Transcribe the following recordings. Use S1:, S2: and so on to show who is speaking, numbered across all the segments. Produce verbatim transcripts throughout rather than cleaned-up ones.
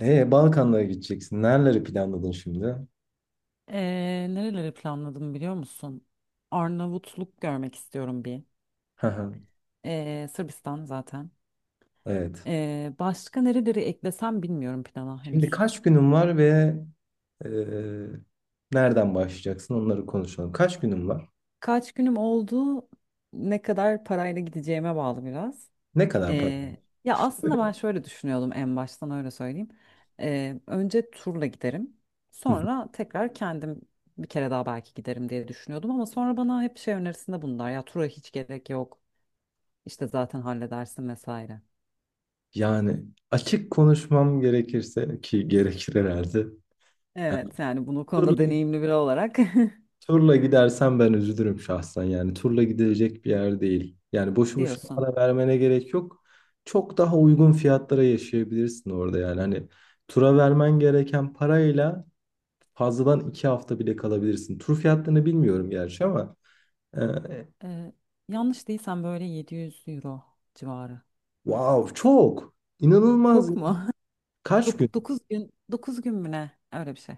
S1: Ee, Balkanlara gideceksin. Nereleri planladın şimdi?
S2: Ee, nereleri planladım biliyor musun? Arnavutluk görmek istiyorum bir.
S1: Hı hı.
S2: Ee, Sırbistan zaten.
S1: Evet.
S2: Ee, başka nereleri eklesem bilmiyorum plana
S1: Şimdi
S2: henüz.
S1: kaç günün var ve e, nereden başlayacaksın? Onları konuşalım. Kaç günün var?
S2: Kaç günüm oldu? Ne kadar parayla gideceğime bağlı biraz.
S1: Ne kadar para?
S2: Ee, ya aslında ben şöyle düşünüyordum, en baştan öyle söyleyeyim. Ee, önce turla giderim.
S1: Hı hı.
S2: Sonra tekrar kendim bir kere daha belki giderim diye düşünüyordum, ama sonra bana hep şey önerisinde bulundular. Ya tura hiç gerek yok. İşte zaten halledersin vesaire.
S1: Yani açık konuşmam gerekirse ki gerekir herhalde. Yani
S2: Evet, yani bunu konuda
S1: turla,
S2: deneyimli biri olarak
S1: turla gidersen ben üzülürüm şahsen. Yani turla gidilecek bir yer değil. Yani boşu boşuna
S2: diyorsun.
S1: para vermene gerek yok. Çok daha uygun fiyatlara yaşayabilirsin orada yani. Hani tura vermen gereken parayla fazladan iki hafta bile kalabilirsin. Tur fiyatlarını bilmiyorum gerçi ama e,
S2: Ee, yanlış değilsem böyle yedi yüz euro civarı.
S1: wow, çok inanılmaz.
S2: Çok mu?
S1: Kaç gün?
S2: Dokuz gün dokuz gün mü ne? Öyle bir şey.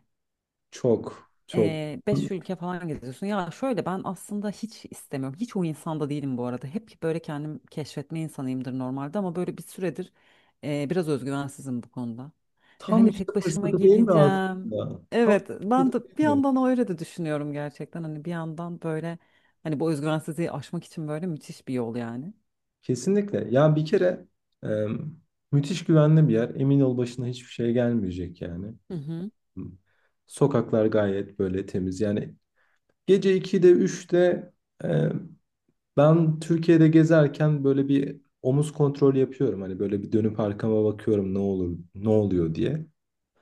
S1: Çok çok.
S2: Ee, beş ülke falan geziyorsun. Ya şöyle, ben aslında hiç istemiyorum. Hiç o insanda değilim bu arada. Hep böyle kendim keşfetme insanıyımdır normalde, ama böyle bir süredir e, biraz özgüvensizim bu konuda. Ve
S1: Tam
S2: hani
S1: işte
S2: tek başıma
S1: fırsatı değil mi
S2: gideceğim.
S1: aslında? Tam
S2: Evet,
S1: fırsatı
S2: ben de bir
S1: değil mi?
S2: yandan öyle de düşünüyorum gerçekten. Hani bir yandan böyle, hani bu özgüvensizliği aşmak için böyle müthiş bir yol yani.
S1: Kesinlikle. Ya bir kere e, müthiş güvenli bir yer. Emin ol başına hiçbir şey gelmeyecek yani.
S2: Hı hı.
S1: Sokaklar gayet böyle temiz. Yani gece ikide üçte, ben Türkiye'de gezerken böyle bir omuz kontrolü yapıyorum. Hani böyle bir dönüp arkama bakıyorum ne olur, ne oluyor diye.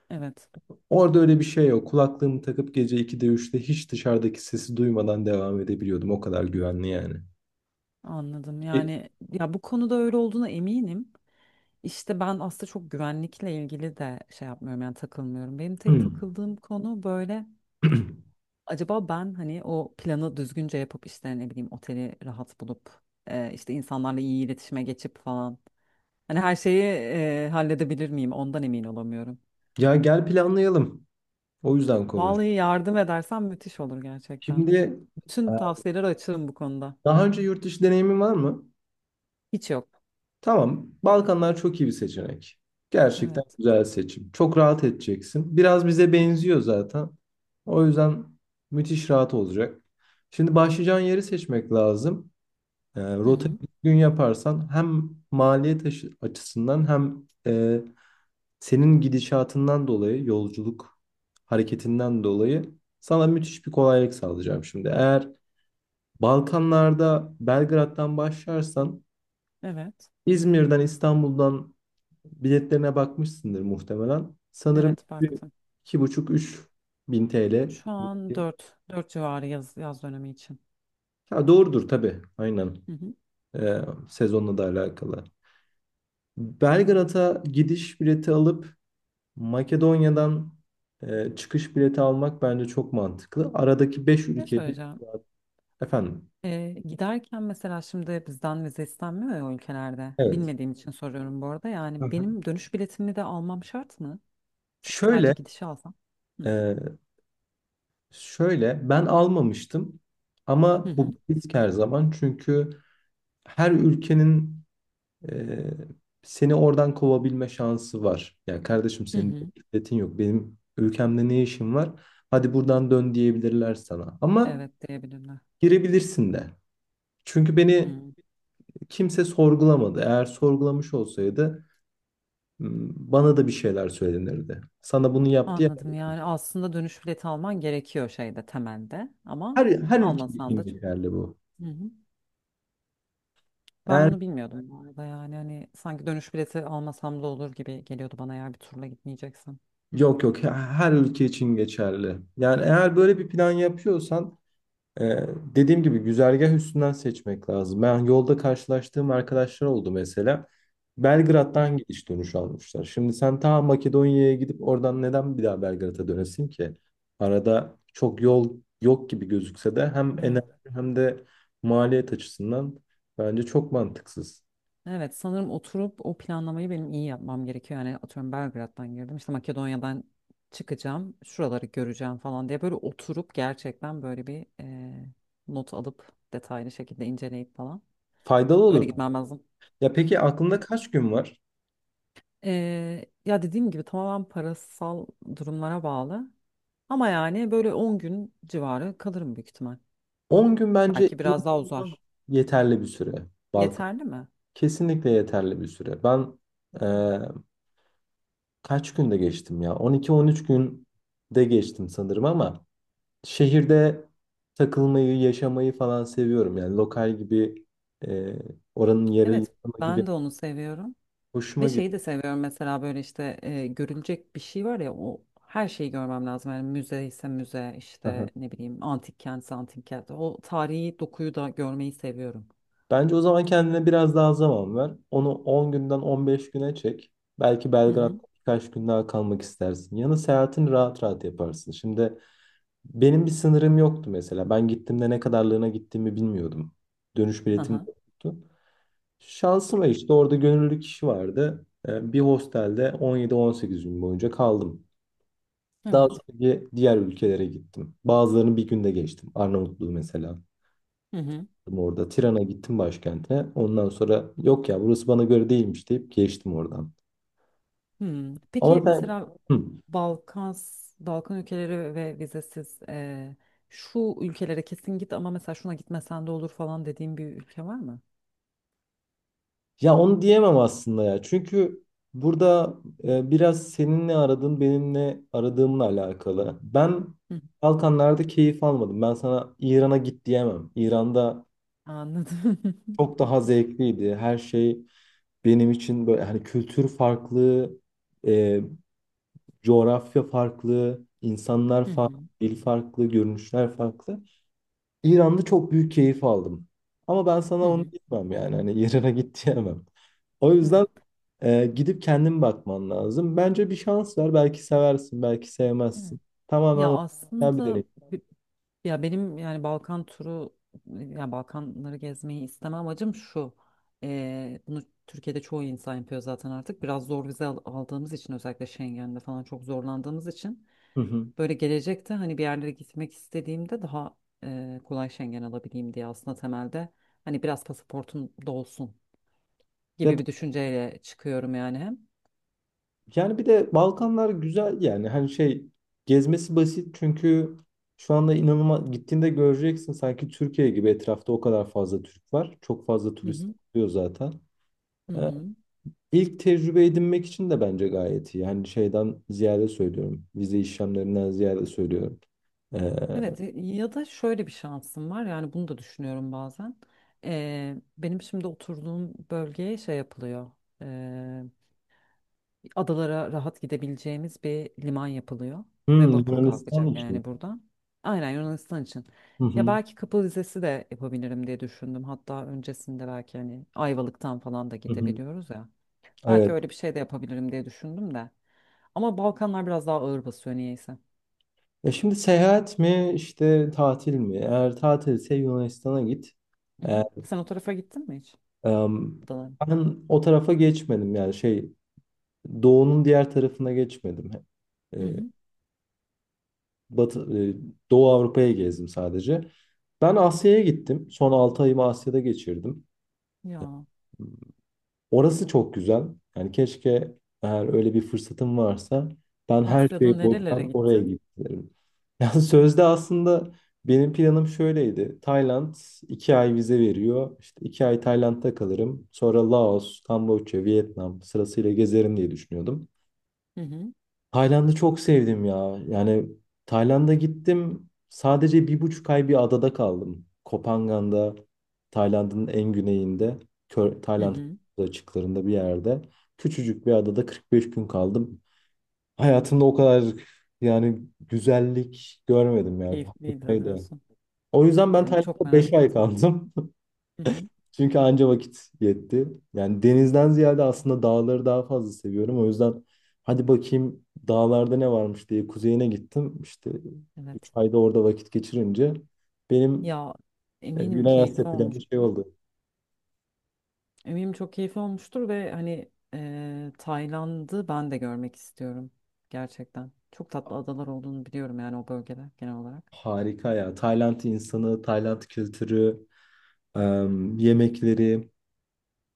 S2: Evet,
S1: Orada öyle bir şey yok. Kulaklığımı takıp gece ikide üçte hiç dışarıdaki sesi duymadan devam edebiliyordum. O kadar güvenli yani.
S2: anladım.
S1: E,
S2: Yani ya bu konuda öyle olduğuna eminim. İşte ben aslında çok güvenlikle ilgili de şey yapmıyorum, yani takılmıyorum. Benim tek
S1: hmm.
S2: takıldığım konu böyle, acaba ben hani o planı düzgünce yapıp işte ne bileyim oteli rahat bulup, e, işte insanlarla iyi iletişime geçip falan. Hani her şeyi e, halledebilir miyim ondan emin olamıyorum.
S1: Ya gel planlayalım. O yüzden konuş.
S2: Vallahi yardım edersen müthiş olur gerçekten.
S1: Şimdi e,
S2: Bütün tavsiyeler açığım bu konuda.
S1: daha önce yurt dışı deneyimin var mı?
S2: Hiç yok.
S1: Tamam, Balkanlar çok iyi bir seçenek. Gerçekten
S2: Evet.
S1: güzel seçim. Çok rahat edeceksin. Biraz bize benziyor zaten. O yüzden müthiş rahat olacak. Şimdi başlayacağın yeri seçmek lazım. E,
S2: Hı
S1: rota
S2: hı.
S1: gün yaparsan hem maliyet aşı- açısından hem e, senin gidişatından dolayı, yolculuk hareketinden dolayı sana müthiş bir kolaylık sağlayacağım şimdi. Eğer Balkanlarda Belgrad'dan başlarsan,
S2: Evet.
S1: İzmir'den, İstanbul'dan, biletlerine bakmışsındır muhtemelen. Sanırım
S2: Evet,
S1: bir-
S2: baktım.
S1: iki buçuk üç bin T L.
S2: Şu an dört dört civarı, yaz, yaz dönemi için.
S1: Ha, doğrudur tabii. Aynen.
S2: Hı hı.
S1: Ee, sezonla da alakalı. Belgrad'a gidiş bileti alıp Makedonya'dan e, çıkış bileti almak bence çok mantıklı. Aradaki beş
S2: Ne
S1: ülkeyi
S2: söyleyeceğim?
S1: efendim.
S2: Ee, giderken mesela şimdi bizden vize istenmiyor ya o ülkelerde.
S1: Evet.
S2: Bilmediğim için soruyorum bu arada.
S1: Hı
S2: Yani
S1: hı.
S2: benim dönüş biletimi de almam şart mı?
S1: Şöyle
S2: Sadece gidişi alsam. Hı
S1: e, şöyle ben almamıştım
S2: hı
S1: ama bu
S2: hı
S1: bir risk her zaman, çünkü her ülkenin Ee, seni oradan kovabilme şansı var. Yani kardeşim
S2: hı
S1: senin
S2: hı.
S1: devletin yok. Benim ülkemde ne işin var? Hadi buradan dön diyebilirler sana. Ama
S2: Evet, diyebilirler.
S1: girebilirsin de. Çünkü beni
S2: Hı.
S1: kimse sorgulamadı. Eğer sorgulamış olsaydı m, bana da bir şeyler söylenirdi. Sana bunu yap diye.
S2: Anladım, yani aslında dönüş bileti alman gerekiyor şeyde temelde, ama
S1: Her, her ülke
S2: almasan
S1: için
S2: da çok.
S1: geçerli bu.
S2: Hı hı. Ben
S1: Eğer,
S2: bunu bilmiyordum bu arada, yani hani sanki dönüş bileti almasam da olur gibi geliyordu bana, eğer bir turla gitmeyeceksin.
S1: yok yok, her ülke için geçerli. Yani eğer böyle bir plan yapıyorsan, Ee, dediğim gibi güzergah üstünden seçmek lazım. Ben yolda karşılaştığım arkadaşlar oldu mesela. Belgrad'dan gidiş dönüş almışlar. Şimdi sen ta Makedonya'ya gidip oradan neden bir daha Belgrad'a dönesin ki? Arada çok yol yok gibi gözükse de hem enerji
S2: Evet.
S1: hem de maliyet açısından bence çok mantıksız.
S2: Evet, sanırım oturup o planlamayı benim iyi yapmam gerekiyor. Yani atıyorum Belgrad'dan girdim, işte Makedonya'dan çıkacağım, şuraları göreceğim falan diye böyle oturup gerçekten böyle bir e, not alıp detaylı şekilde inceleyip falan
S1: Faydalı
S2: öyle
S1: olur.
S2: gitmem lazım.
S1: Ya peki aklında
S2: Evet.
S1: kaç gün var?
S2: E, ya dediğim gibi tamamen parasal durumlara bağlı, ama yani böyle on gün civarı kalırım büyük ihtimal.
S1: On gün bence
S2: Belki biraz daha
S1: inanılmaz
S2: uzar.
S1: yeterli bir süre. Balkan.
S2: Yeterli mi?
S1: Kesinlikle yeterli bir süre. Ben kaç günde geçtim ya? on iki on üç günde geçtim sanırım ama şehirde takılmayı, yaşamayı falan seviyorum. Yani lokal gibi, e, oranın yerel
S2: Evet,
S1: insanı gibi
S2: ben de onu seviyorum. Ve
S1: hoşuma
S2: şeyi de
S1: gidiyor.
S2: seviyorum mesela, böyle işte e, görülecek bir şey var ya, o her şeyi görmem lazım. Yani müze ise müze,
S1: Aha.
S2: işte ne bileyim, antik kentse antik kent. O tarihi dokuyu da görmeyi seviyorum.
S1: Bence o zaman kendine biraz daha zaman ver. Onu on günden on beş güne çek. Belki
S2: Hı hı.
S1: Belgrad'da birkaç gün daha kalmak istersin. Yanı seyahatini rahat rahat yaparsın. Şimdi benim bir sınırım yoktu mesela. Ben gittiğimde ne kadarlığına gittiğimi bilmiyordum. Dönüş biletim de
S2: Aha.
S1: yoktu. Şansıma işte orada gönüllü kişi vardı. Ee, Bir hostelde on yedi on sekiz gün boyunca kaldım. Daha
S2: Evet.
S1: sonra di- diğer ülkelere gittim. Bazılarını bir günde geçtim. Arnavutluğu mesela.
S2: Hı hı.
S1: Orada Tiran'a gittim, başkente. Ondan sonra yok ya, burası bana göre değilmiş deyip geçtim oradan.
S2: Hmm. Peki
S1: Ama ben.
S2: mesela
S1: Hı.
S2: Balkan Balkan ülkeleri ve vizesiz, e, şu ülkelere kesin git ama mesela şuna gitmesen de olur falan dediğim bir ülke var mı?
S1: Ya onu diyemem aslında ya. Çünkü burada e, biraz senin ne aradığın benim ne aradığımla alakalı. Ben
S2: Hı.
S1: Balkanlarda keyif almadım. Ben sana İran'a git diyemem. İran'da
S2: Anladım.
S1: çok daha zevkliydi. Her şey benim için böyle, hani kültür farklı, e, coğrafya farklı, insanlar
S2: Hı
S1: farklı,
S2: hı.
S1: dil farklı, görünüşler farklı. İran'da çok büyük keyif aldım. Ama ben sana
S2: Hı
S1: onu
S2: hı.
S1: diyemem yani. Hani İran'a git diyemem. O
S2: Evet.
S1: yüzden e, gidip kendin bakman lazım. Bence bir şans ver. Belki seversin, belki
S2: Evet.
S1: sevmezsin. Tamamen
S2: Ya
S1: o. Sen bir
S2: aslında
S1: deneyim.
S2: bi- ya benim, yani Balkan turu, ya Balkanları gezmeyi isteme amacım şu. Ee, bunu Türkiye'de çoğu insan yapıyor zaten artık. Biraz zor vize al- aldığımız için, özellikle Schengen'de falan çok zorlandığımız için
S1: Hı hı.
S2: böyle gelecekte, hani bir yerlere gitmek istediğimde daha e, kolay Schengen alabileyim diye, aslında temelde hani biraz pasaportum dolsun
S1: Ya,
S2: gibi bir düşünceyle çıkıyorum yani hem.
S1: yani bir de Balkanlar güzel yani, hani şey, gezmesi basit çünkü şu anda inanılmaz, gittiğinde göreceksin sanki Türkiye gibi, etrafta o kadar fazla Türk var. Çok fazla
S2: Hı
S1: turist
S2: hı.
S1: oluyor zaten.
S2: Hı
S1: Ee,
S2: hı.
S1: İlk tecrübe edinmek için de bence gayet iyi. Yani şeyden ziyade söylüyorum. Vize işlemlerinden ziyade söylüyorum. Ee,
S2: Evet, e, ya da şöyle bir şansım var, yani bunu da düşünüyorum bazen. Ee, benim şimdi oturduğum bölgeye şey yapılıyor. ee, adalara rahat gidebileceğimiz bir liman yapılıyor
S1: hmm,
S2: ve vapur
S1: Yunanistan
S2: kalkacak
S1: için.
S2: yani buradan. Aynen, Yunanistan için.
S1: Hı
S2: Ya
S1: hı,
S2: belki Kapı Vizesi de yapabilirim diye düşündüm. Hatta öncesinde belki, hani Ayvalık'tan falan da
S1: hı hı.
S2: gidebiliyoruz ya. Belki
S1: Evet.
S2: öyle bir şey de yapabilirim diye düşündüm de. Ama Balkanlar biraz daha ağır basıyor niyeyse.
S1: E şimdi seyahat mi işte tatil mi? Eğer tatilse Yunanistan'a git.
S2: Hı hı.
S1: Ee,
S2: Sen o tarafa gittin mi hiç?
S1: Em,
S2: Adalara?
S1: ben o tarafa geçmedim yani şey, doğunun diğer tarafına geçmedim. E,
S2: Hı hı.
S1: Batı, e, Doğu Avrupa'ya gezdim sadece. Ben Asya'ya gittim. Son altı ayımı Asya'da geçirdim.
S2: Ya
S1: Orası çok güzel. Yani keşke eğer öyle bir fırsatım varsa ben her
S2: Asya'da
S1: şeyi boşver
S2: nerelere
S1: oraya
S2: gittin?
S1: giderim. Yani sözde aslında benim planım şöyleydi. Tayland iki ay vize veriyor. İşte iki ay Tayland'da kalırım. Sonra Laos, Kamboçya, Vietnam sırasıyla gezerim diye düşünüyordum.
S2: Hı hı.
S1: Tayland'ı çok sevdim ya. Yani Tayland'a gittim. Sadece bir buçuk ay bir adada kaldım. Koh Phangan'da, Tayland'ın en güneyinde, Kö-
S2: Hı
S1: Tayland
S2: hı.
S1: açıklarında bir yerde. Küçücük bir adada kırk beş gün kaldım. Hayatımda o kadar, yani, güzellik görmedim yani.
S2: Keyifliydi
S1: Harikaydı.
S2: diyorsun.
S1: O yüzden ben
S2: Yani çok
S1: Tayland'da beş
S2: merak
S1: ay
S2: ettim.
S1: kaldım.
S2: Hı hı.
S1: Çünkü anca vakit yetti. Yani denizden ziyade aslında dağları daha fazla seviyorum. O yüzden hadi bakayım dağlarda ne varmış diye kuzeyine gittim. İşte üç
S2: Evet.
S1: ayda orada vakit geçirince benim
S2: Ya
S1: e,
S2: eminim
S1: Güney
S2: keyifli
S1: Asya planı şey
S2: olmuştur.
S1: oldu.
S2: Eminim çok keyifli olmuştur, ve hani e, Tayland'ı ben de görmek istiyorum. Gerçekten. Çok tatlı adalar olduğunu biliyorum yani, o bölgede genel olarak.
S1: Harika ya. Tayland insanı, Tayland kültürü, em, yemekleri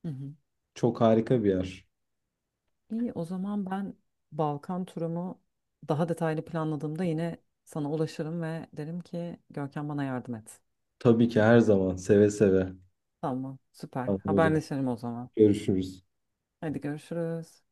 S2: Hı hı.
S1: çok harika bir yer.
S2: İyi, o zaman ben Balkan turumu daha detaylı planladığımda yine sana ulaşırım ve derim ki, Görkem bana yardım et.
S1: Tabii ki her zaman seve seve.
S2: Tamam, süper.
S1: Tamam o zaman
S2: Haberleşelim o zaman.
S1: görüşürüz.
S2: Hadi görüşürüz.